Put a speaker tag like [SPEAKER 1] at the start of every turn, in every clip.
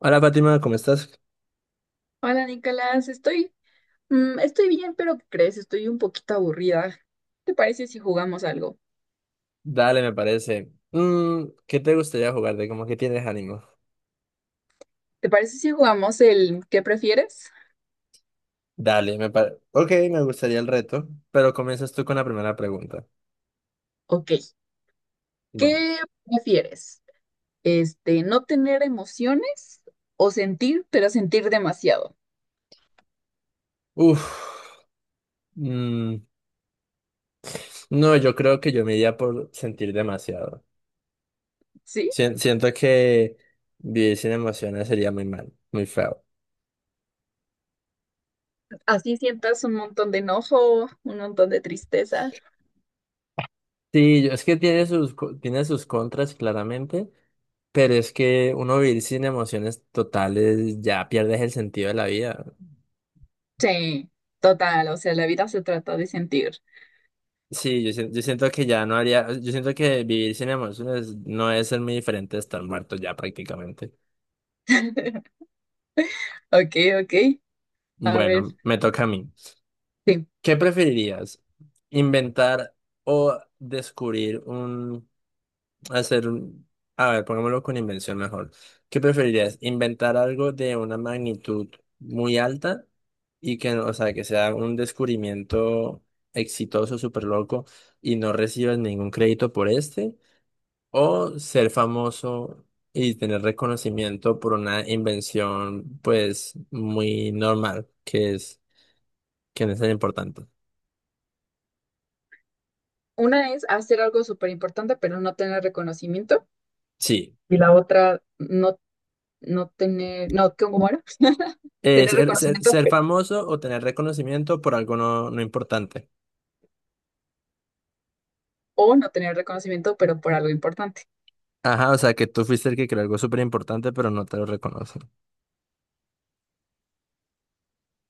[SPEAKER 1] Hola Fátima, ¿cómo estás?
[SPEAKER 2] Hola Nicolás, estoy bien, pero ¿qué crees? Estoy un poquito aburrida. ¿Te parece si jugamos algo?
[SPEAKER 1] Dale, me parece. ¿Qué te gustaría jugar? De como que tienes ánimo.
[SPEAKER 2] ¿Te parece si jugamos el ¿qué prefieres?
[SPEAKER 1] Dale, me parece. Ok, me gustaría el reto, pero comienzas tú con la primera pregunta.
[SPEAKER 2] Ok,
[SPEAKER 1] Bueno.
[SPEAKER 2] ¿qué prefieres? ¿No tener emociones o sentir, pero sentir demasiado?
[SPEAKER 1] Uf. mm, no, yo creo que yo me iría por sentir demasiado.
[SPEAKER 2] ¿Sí?
[SPEAKER 1] Siento que vivir sin emociones sería muy mal, muy feo.
[SPEAKER 2] Así sientas un montón de enojo, un montón de tristeza.
[SPEAKER 1] Sí, es que tiene tiene sus contras, claramente, pero es que uno vivir sin emociones totales ya pierdes el sentido de la vida.
[SPEAKER 2] Sí, total, o sea, la vida se trata de sentir.
[SPEAKER 1] Sí, yo, yo siento que ya no haría, yo siento que vivir sin emociones no es ser muy diferente de estar muerto ya prácticamente.
[SPEAKER 2] Ok, ok. A ver,
[SPEAKER 1] Bueno, me toca a mí.
[SPEAKER 2] sí.
[SPEAKER 1] ¿Qué preferirías? ¿Inventar o descubrir un, hacer un, a ver, pongámoslo con invención mejor. ¿Qué preferirías? ¿Inventar algo de una magnitud muy alta y que, o sea, que sea un descubrimiento exitoso, súper loco y no recibas ningún crédito por este? ¿O ser famoso y tener reconocimiento por una invención, pues, muy normal, que no es tan importante?
[SPEAKER 2] Una es hacer algo súper importante, pero no tener reconocimiento.
[SPEAKER 1] Sí.
[SPEAKER 2] Y la otra no, no tener, no, ¿cómo era?
[SPEAKER 1] Eh,
[SPEAKER 2] Tener
[SPEAKER 1] ser, ser,
[SPEAKER 2] reconocimiento
[SPEAKER 1] ser famoso o tener reconocimiento por algo no importante.
[SPEAKER 2] o no tener reconocimiento, pero por algo importante.
[SPEAKER 1] Ajá, o sea, que tú fuiste el que creó algo súper importante, pero no te lo reconocen.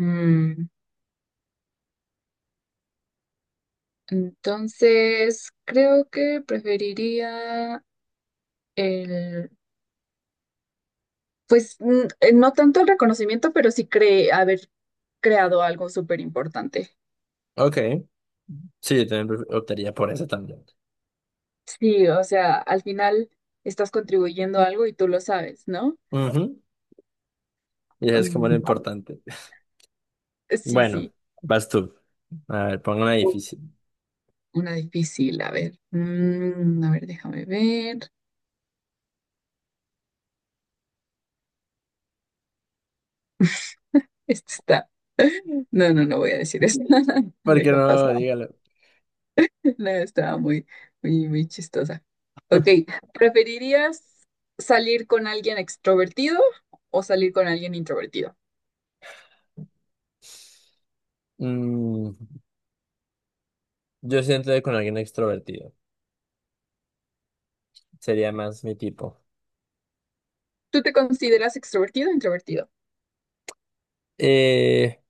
[SPEAKER 2] Mm, entonces, creo que preferiría el, pues no tanto el reconocimiento, pero sí cre haber creado algo súper importante.
[SPEAKER 1] Ok. Sí, yo también optaría por eso también.
[SPEAKER 2] Sí, o sea, al final estás contribuyendo a algo y tú lo sabes, ¿no?
[SPEAKER 1] Ujú. Y es como lo
[SPEAKER 2] Mm,
[SPEAKER 1] importante.
[SPEAKER 2] sí,
[SPEAKER 1] Bueno,
[SPEAKER 2] sí.
[SPEAKER 1] vas tú. A ver, pongo una difícil.
[SPEAKER 2] Una difícil, a ver. A ver, déjame ver. Este está. No, no, no voy a decir eso.
[SPEAKER 1] Porque
[SPEAKER 2] Deja
[SPEAKER 1] no,
[SPEAKER 2] paso.
[SPEAKER 1] dígalo.
[SPEAKER 2] No, estaba muy, muy, muy chistosa. Ok, ¿preferirías salir con alguien extrovertido o salir con alguien introvertido?
[SPEAKER 1] Mm. Yo siento que con alguien extrovertido. Sería más mi tipo.
[SPEAKER 2] ¿Tú te consideras extrovertido o introvertido?
[SPEAKER 1] Eh,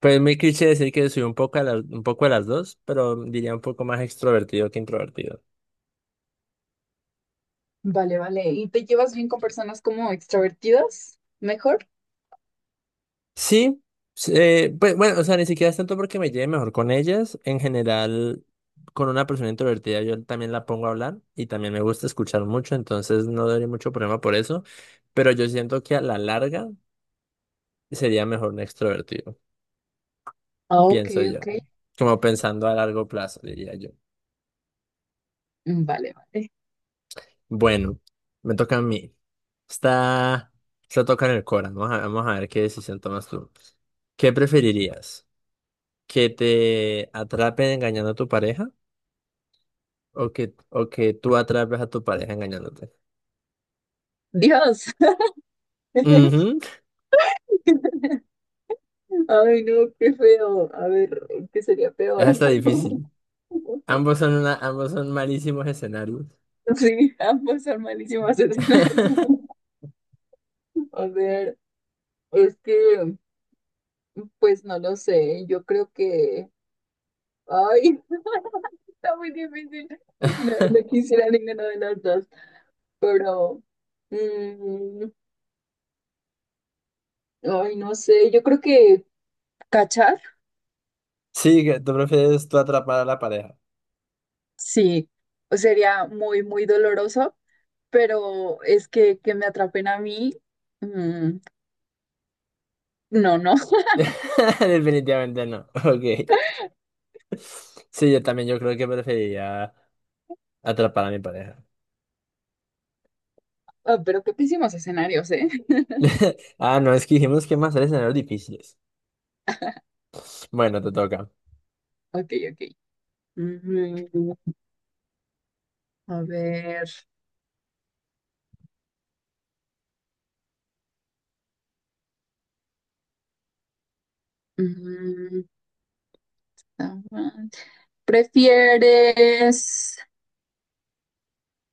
[SPEAKER 1] pues es muy cliché decir que soy un poco a las, un poco de las dos, pero diría un poco más extrovertido que introvertido.
[SPEAKER 2] Vale, vale. ¿Y te llevas bien con personas como extrovertidas? ¿Mejor?
[SPEAKER 1] Sí, s- pues bueno, o sea, ni siquiera es tanto porque me lleve mejor con ellas. En general, con una persona introvertida yo también la pongo a hablar y también me gusta escuchar mucho, entonces no daría mucho problema por eso. Pero yo siento que a la larga sería mejor un extrovertido,
[SPEAKER 2] Ah, ok,
[SPEAKER 1] pienso
[SPEAKER 2] ok.
[SPEAKER 1] yo. Como pensando a largo plazo, diría yo.
[SPEAKER 2] Mm, vale, vale.
[SPEAKER 1] Bueno, me toca a mí. Está, está toca en el Cora. Vamos a ver qué decisión tomas tú. ¿Qué preferirías? ¿Que te atrapen engañando a tu pareja? ¿O que tú atrapes a tu pareja engañándote?
[SPEAKER 2] Dios.
[SPEAKER 1] Ujú.
[SPEAKER 2] Ay, no, qué feo. A ver, ¿qué sería
[SPEAKER 1] Es
[SPEAKER 2] peor?
[SPEAKER 1] hasta difícil. Ambos son malísimos escenarios.
[SPEAKER 2] Sí, ambos son malísimos escenarios. A ver, es que, pues no lo sé, yo creo que, ay, está muy difícil. No, no quisiera ninguno de los dos, pero, mm, ay, no sé, yo creo que cachar,
[SPEAKER 1] Sí, que tú prefieres tú atrapar a la pareja.
[SPEAKER 2] sí, sería muy, muy doloroso, pero es que me atrapen a mí, mm, no, no.
[SPEAKER 1] Definitivamente no. Ok. Sí, yo también yo creo que preferiría atrapar a mi pareja.
[SPEAKER 2] Ah, pero qué pésimos escenarios, ¿eh?
[SPEAKER 1] Ah, no, es que dijimos que más hacer escenarios difíciles. Bueno, te toca.
[SPEAKER 2] Ok, ok. Mm, a ver. Mm, Está mal. ¿Prefieres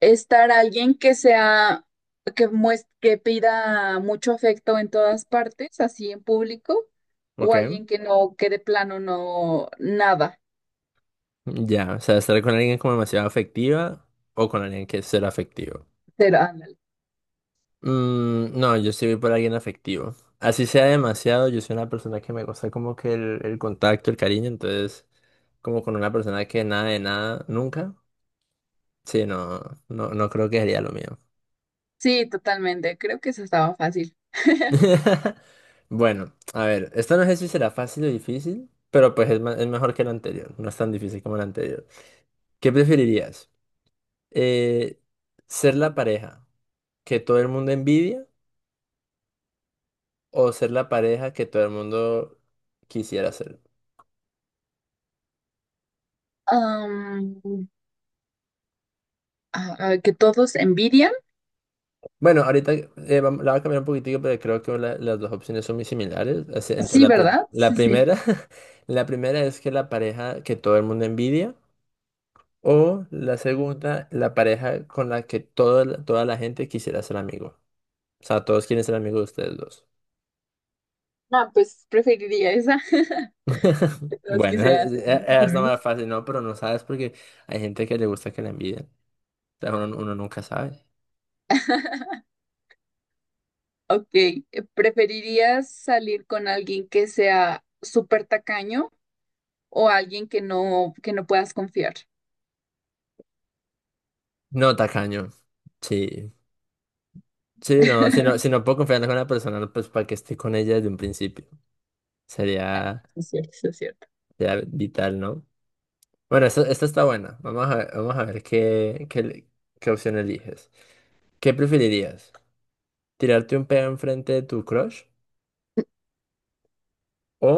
[SPEAKER 2] estar alguien que sea, que pida mucho afecto en todas partes, así en público, o
[SPEAKER 1] Ok.
[SPEAKER 2] alguien que no, que de plano no, nada?
[SPEAKER 1] Ya, o sea, estar con alguien como demasiado afectiva o con alguien que es ser afectivo.
[SPEAKER 2] Pero, ándale.
[SPEAKER 1] Mm, no, yo sí voy por alguien afectivo. Así sea demasiado, yo soy una persona que me gusta como que el contacto, el cariño, entonces como con una persona que nada de nada, nunca. Sí, no, no creo que sería lo mío.
[SPEAKER 2] Sí, totalmente. Creo que eso estaba fácil.
[SPEAKER 1] Bueno, a ver, esta no sé si será fácil o difícil, pero pues es mejor que la anterior, no es tan difícil como la anterior. ¿Qué preferirías? Eh, ¿Ser la pareja que todo el mundo envidia o ser la pareja que todo el mundo quisiera ser?
[SPEAKER 2] Am, a que todos envidian.
[SPEAKER 1] Bueno, ahorita la voy a cambiar un poquitico, pero creo que las dos opciones son muy similares. Así, entonces,
[SPEAKER 2] Sí, ¿verdad?
[SPEAKER 1] la
[SPEAKER 2] Sí, sí.
[SPEAKER 1] primera, la primera es que la pareja que todo el mundo envidia o la segunda, la pareja con la que toda la gente quisiera ser amigo. O sea, todos quieren ser amigos de ustedes dos.
[SPEAKER 2] No, pues preferiría esa. Que todos
[SPEAKER 1] Bueno,
[SPEAKER 2] quisieran ser mis
[SPEAKER 1] está más
[SPEAKER 2] amigos.
[SPEAKER 1] fácil, ¿no? Pero no sabes porque hay gente que le gusta que la envidien. O sea, uno nunca sabe.
[SPEAKER 2] Ok, ¿preferirías salir con alguien que sea súper tacaño o alguien que no puedas confiar?
[SPEAKER 1] No, tacaño. Sí. Sí, no, si no puedo confiar en una persona, pues para que esté con ella desde un principio. Sería,
[SPEAKER 2] Es cierto, sí es cierto.
[SPEAKER 1] sería vital, ¿no? Bueno, esta está buena. Vamos a ver qué opción eliges. ¿Qué preferirías? ¿Tirarte un pedo enfrente de tu crush? ¿O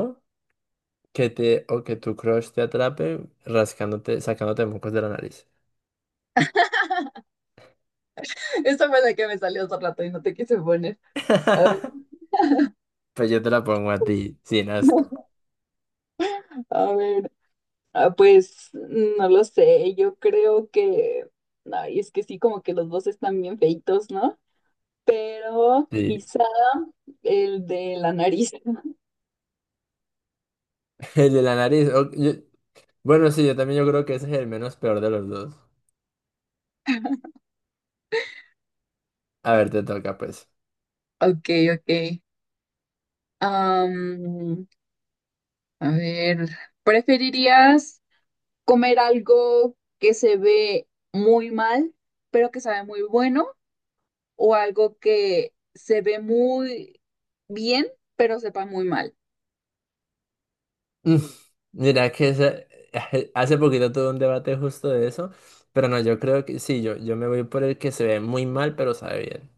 [SPEAKER 1] ¿o que tu crush te atrape rascándote, sacándote mocos de la nariz?
[SPEAKER 2] Esta fue la que me salió hace rato y no te quise poner. A ver,
[SPEAKER 1] Pues yo te la pongo a ti, sin asco.
[SPEAKER 2] a ver, ah, pues no lo sé, yo creo que, ay, es que sí, como que los dos están bien feitos, ¿no? Pero
[SPEAKER 1] Sí.
[SPEAKER 2] quizá el de la nariz.
[SPEAKER 1] El de la nariz. Bueno, sí, yo también yo creo que ese es el menos peor de los dos. A ver, te toca, pues.
[SPEAKER 2] Ok, ok. Am, a ver, ¿preferirías comer algo que se ve muy mal, pero que sabe muy bueno, o algo que se ve muy bien, pero sepa muy mal?
[SPEAKER 1] Mm, Mira que ese- hace poquito tuve un debate justo de eso, pero no, yo creo que sí, yo me voy por el que se ve muy mal, pero sabe bien.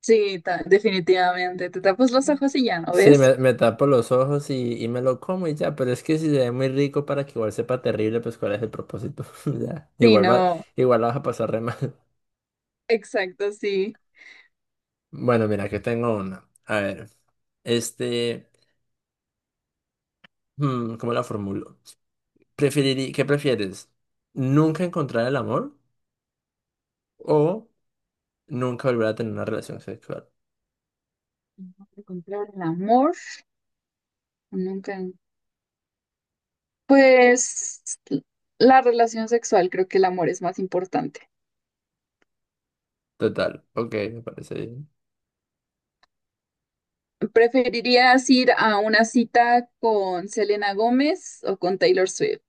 [SPEAKER 2] Sí, definitivamente. Te tapas los ojos y ya no
[SPEAKER 1] Sí,
[SPEAKER 2] ves.
[SPEAKER 1] me tapo los ojos y me lo como y ya, pero es que si se ve muy rico para que igual sepa terrible, pues cuál es el propósito. Ya,
[SPEAKER 2] Sí,
[SPEAKER 1] igual va,
[SPEAKER 2] no,
[SPEAKER 1] igual la vas a pasar re mal.
[SPEAKER 2] exacto, sí.
[SPEAKER 1] Bueno, mira, que tengo una. A ver, este, ¿cómo la formulo? ¿Qué prefieres? ¿Nunca encontrar el amor o nunca volver a tener una relación sexual?
[SPEAKER 2] Encontrar el amor, nunca. Pues la relación sexual, creo que el amor es más importante.
[SPEAKER 1] Total, ok, me parece bien.
[SPEAKER 2] ¿Preferirías ir a una cita con Selena Gómez o con Taylor Swift?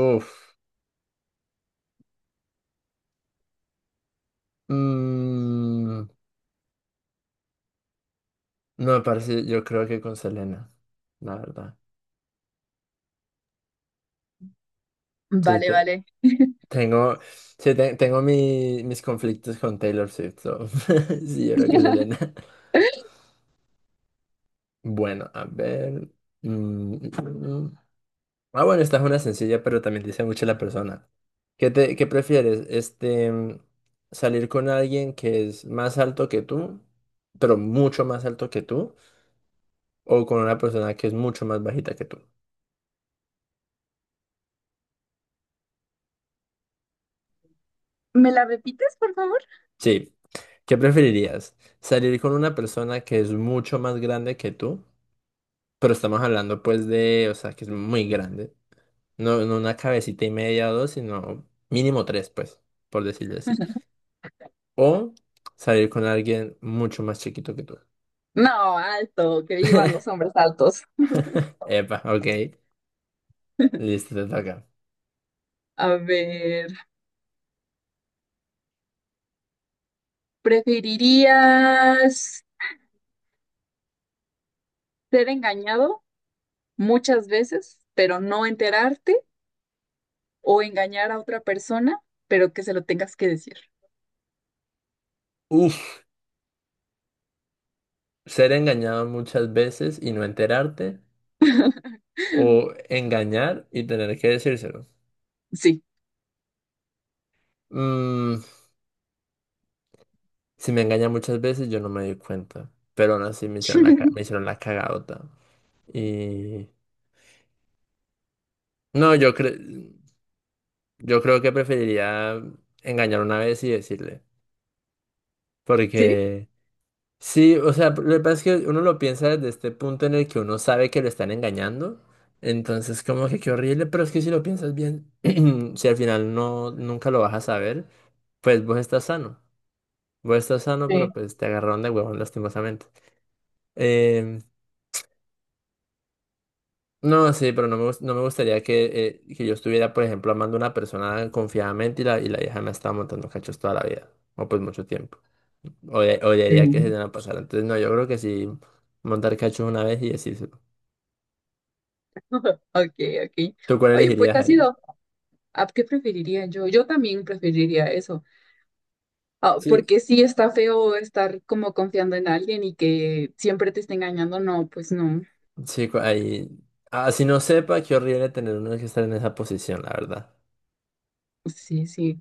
[SPEAKER 1] Uf, mm, no me parece, yo creo que con Selena, la verdad. Sí,
[SPEAKER 2] Vale, vale.
[SPEAKER 1] tengo, tengo mis conflictos con Taylor Swift, so, sí, yo creo que Selena. Bueno, a ver. mm, Ah, bueno, esta es una sencilla, pero también dice mucho la persona. ¿Qué prefieres? Salir con alguien que es más alto que tú, pero mucho más alto que tú, o con una persona que es mucho más bajita que tú.
[SPEAKER 2] ¿Me la repites, por favor?
[SPEAKER 1] Sí. ¿Qué preferirías? ¿Salir con una persona que es mucho más grande que tú? Pero estamos hablando pues de, o sea, que es muy grande. No, no una cabecita y media o dos, sino mínimo tres, pues, por decirlo así. O salir con alguien mucho más chiquito que tú.
[SPEAKER 2] No, alto, que vivan los hombres altos.
[SPEAKER 1] Epa, ok. Listo, te toca.
[SPEAKER 2] A ver, ¿preferirías ser engañado muchas veces, pero no enterarte, o engañar a otra persona, pero que se lo tengas que decir?
[SPEAKER 1] Uf, ser engañado muchas veces y no enterarte. O engañar y tener que decírselo.
[SPEAKER 2] Sí.
[SPEAKER 1] Mm, si me engaña muchas veces, yo no me di cuenta. Pero aún así me
[SPEAKER 2] Sí.
[SPEAKER 1] hicieron me hicieron la cagadota. Y. No, yo, yo creo que preferiría engañar una vez y decirle.
[SPEAKER 2] Sí.
[SPEAKER 1] Porque. Sí, o sea, lo que pasa es que uno lo piensa desde este punto en el que uno sabe que lo están engañando, entonces como que qué horrible, pero es que si lo piensas bien, si al final no, nunca lo vas a saber, pues vos estás sano, pero pues te agarraron de huevón lastimosamente. Em, no, sí, pero no me gustaría que yo estuviera, por ejemplo, amando a una persona confiadamente y y la vieja me estaba montando cachos toda la vida, o pues mucho tiempo, o
[SPEAKER 2] Sí.
[SPEAKER 1] odiaría que se dieran a pasar, entonces no, yo creo que sí, montar cachos una vez y decírselo.
[SPEAKER 2] Ok, ok.
[SPEAKER 1] ¿Tú cuál
[SPEAKER 2] Oye, pues
[SPEAKER 1] elegirías
[SPEAKER 2] ha
[SPEAKER 1] ahí?
[SPEAKER 2] sido. ¿A qué preferiría yo? Yo también preferiría eso. Ah,
[SPEAKER 1] Sí,
[SPEAKER 2] porque sí está feo estar como confiando en alguien y que siempre te esté engañando. No, pues no.
[SPEAKER 1] chico, ahí. Así no sepa, qué horrible tener uno que estar en esa posición, la verdad.
[SPEAKER 2] Pues sí, sí.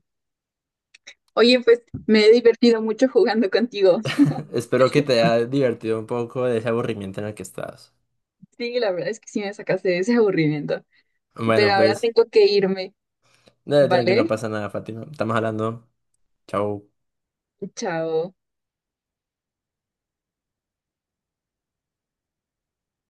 [SPEAKER 2] Oye, pues me he divertido mucho jugando contigo.
[SPEAKER 1] Espero que te haya divertido un poco de ese aburrimiento en el que estás.
[SPEAKER 2] Sí, la verdad es que sí me sacaste de ese aburrimiento. Pero
[SPEAKER 1] Bueno,
[SPEAKER 2] ahora
[SPEAKER 1] pues,
[SPEAKER 2] tengo que irme,
[SPEAKER 1] dale, tranqui, no
[SPEAKER 2] ¿vale?
[SPEAKER 1] pasa nada, Fátima. Estamos hablando. Chao.
[SPEAKER 2] Chao.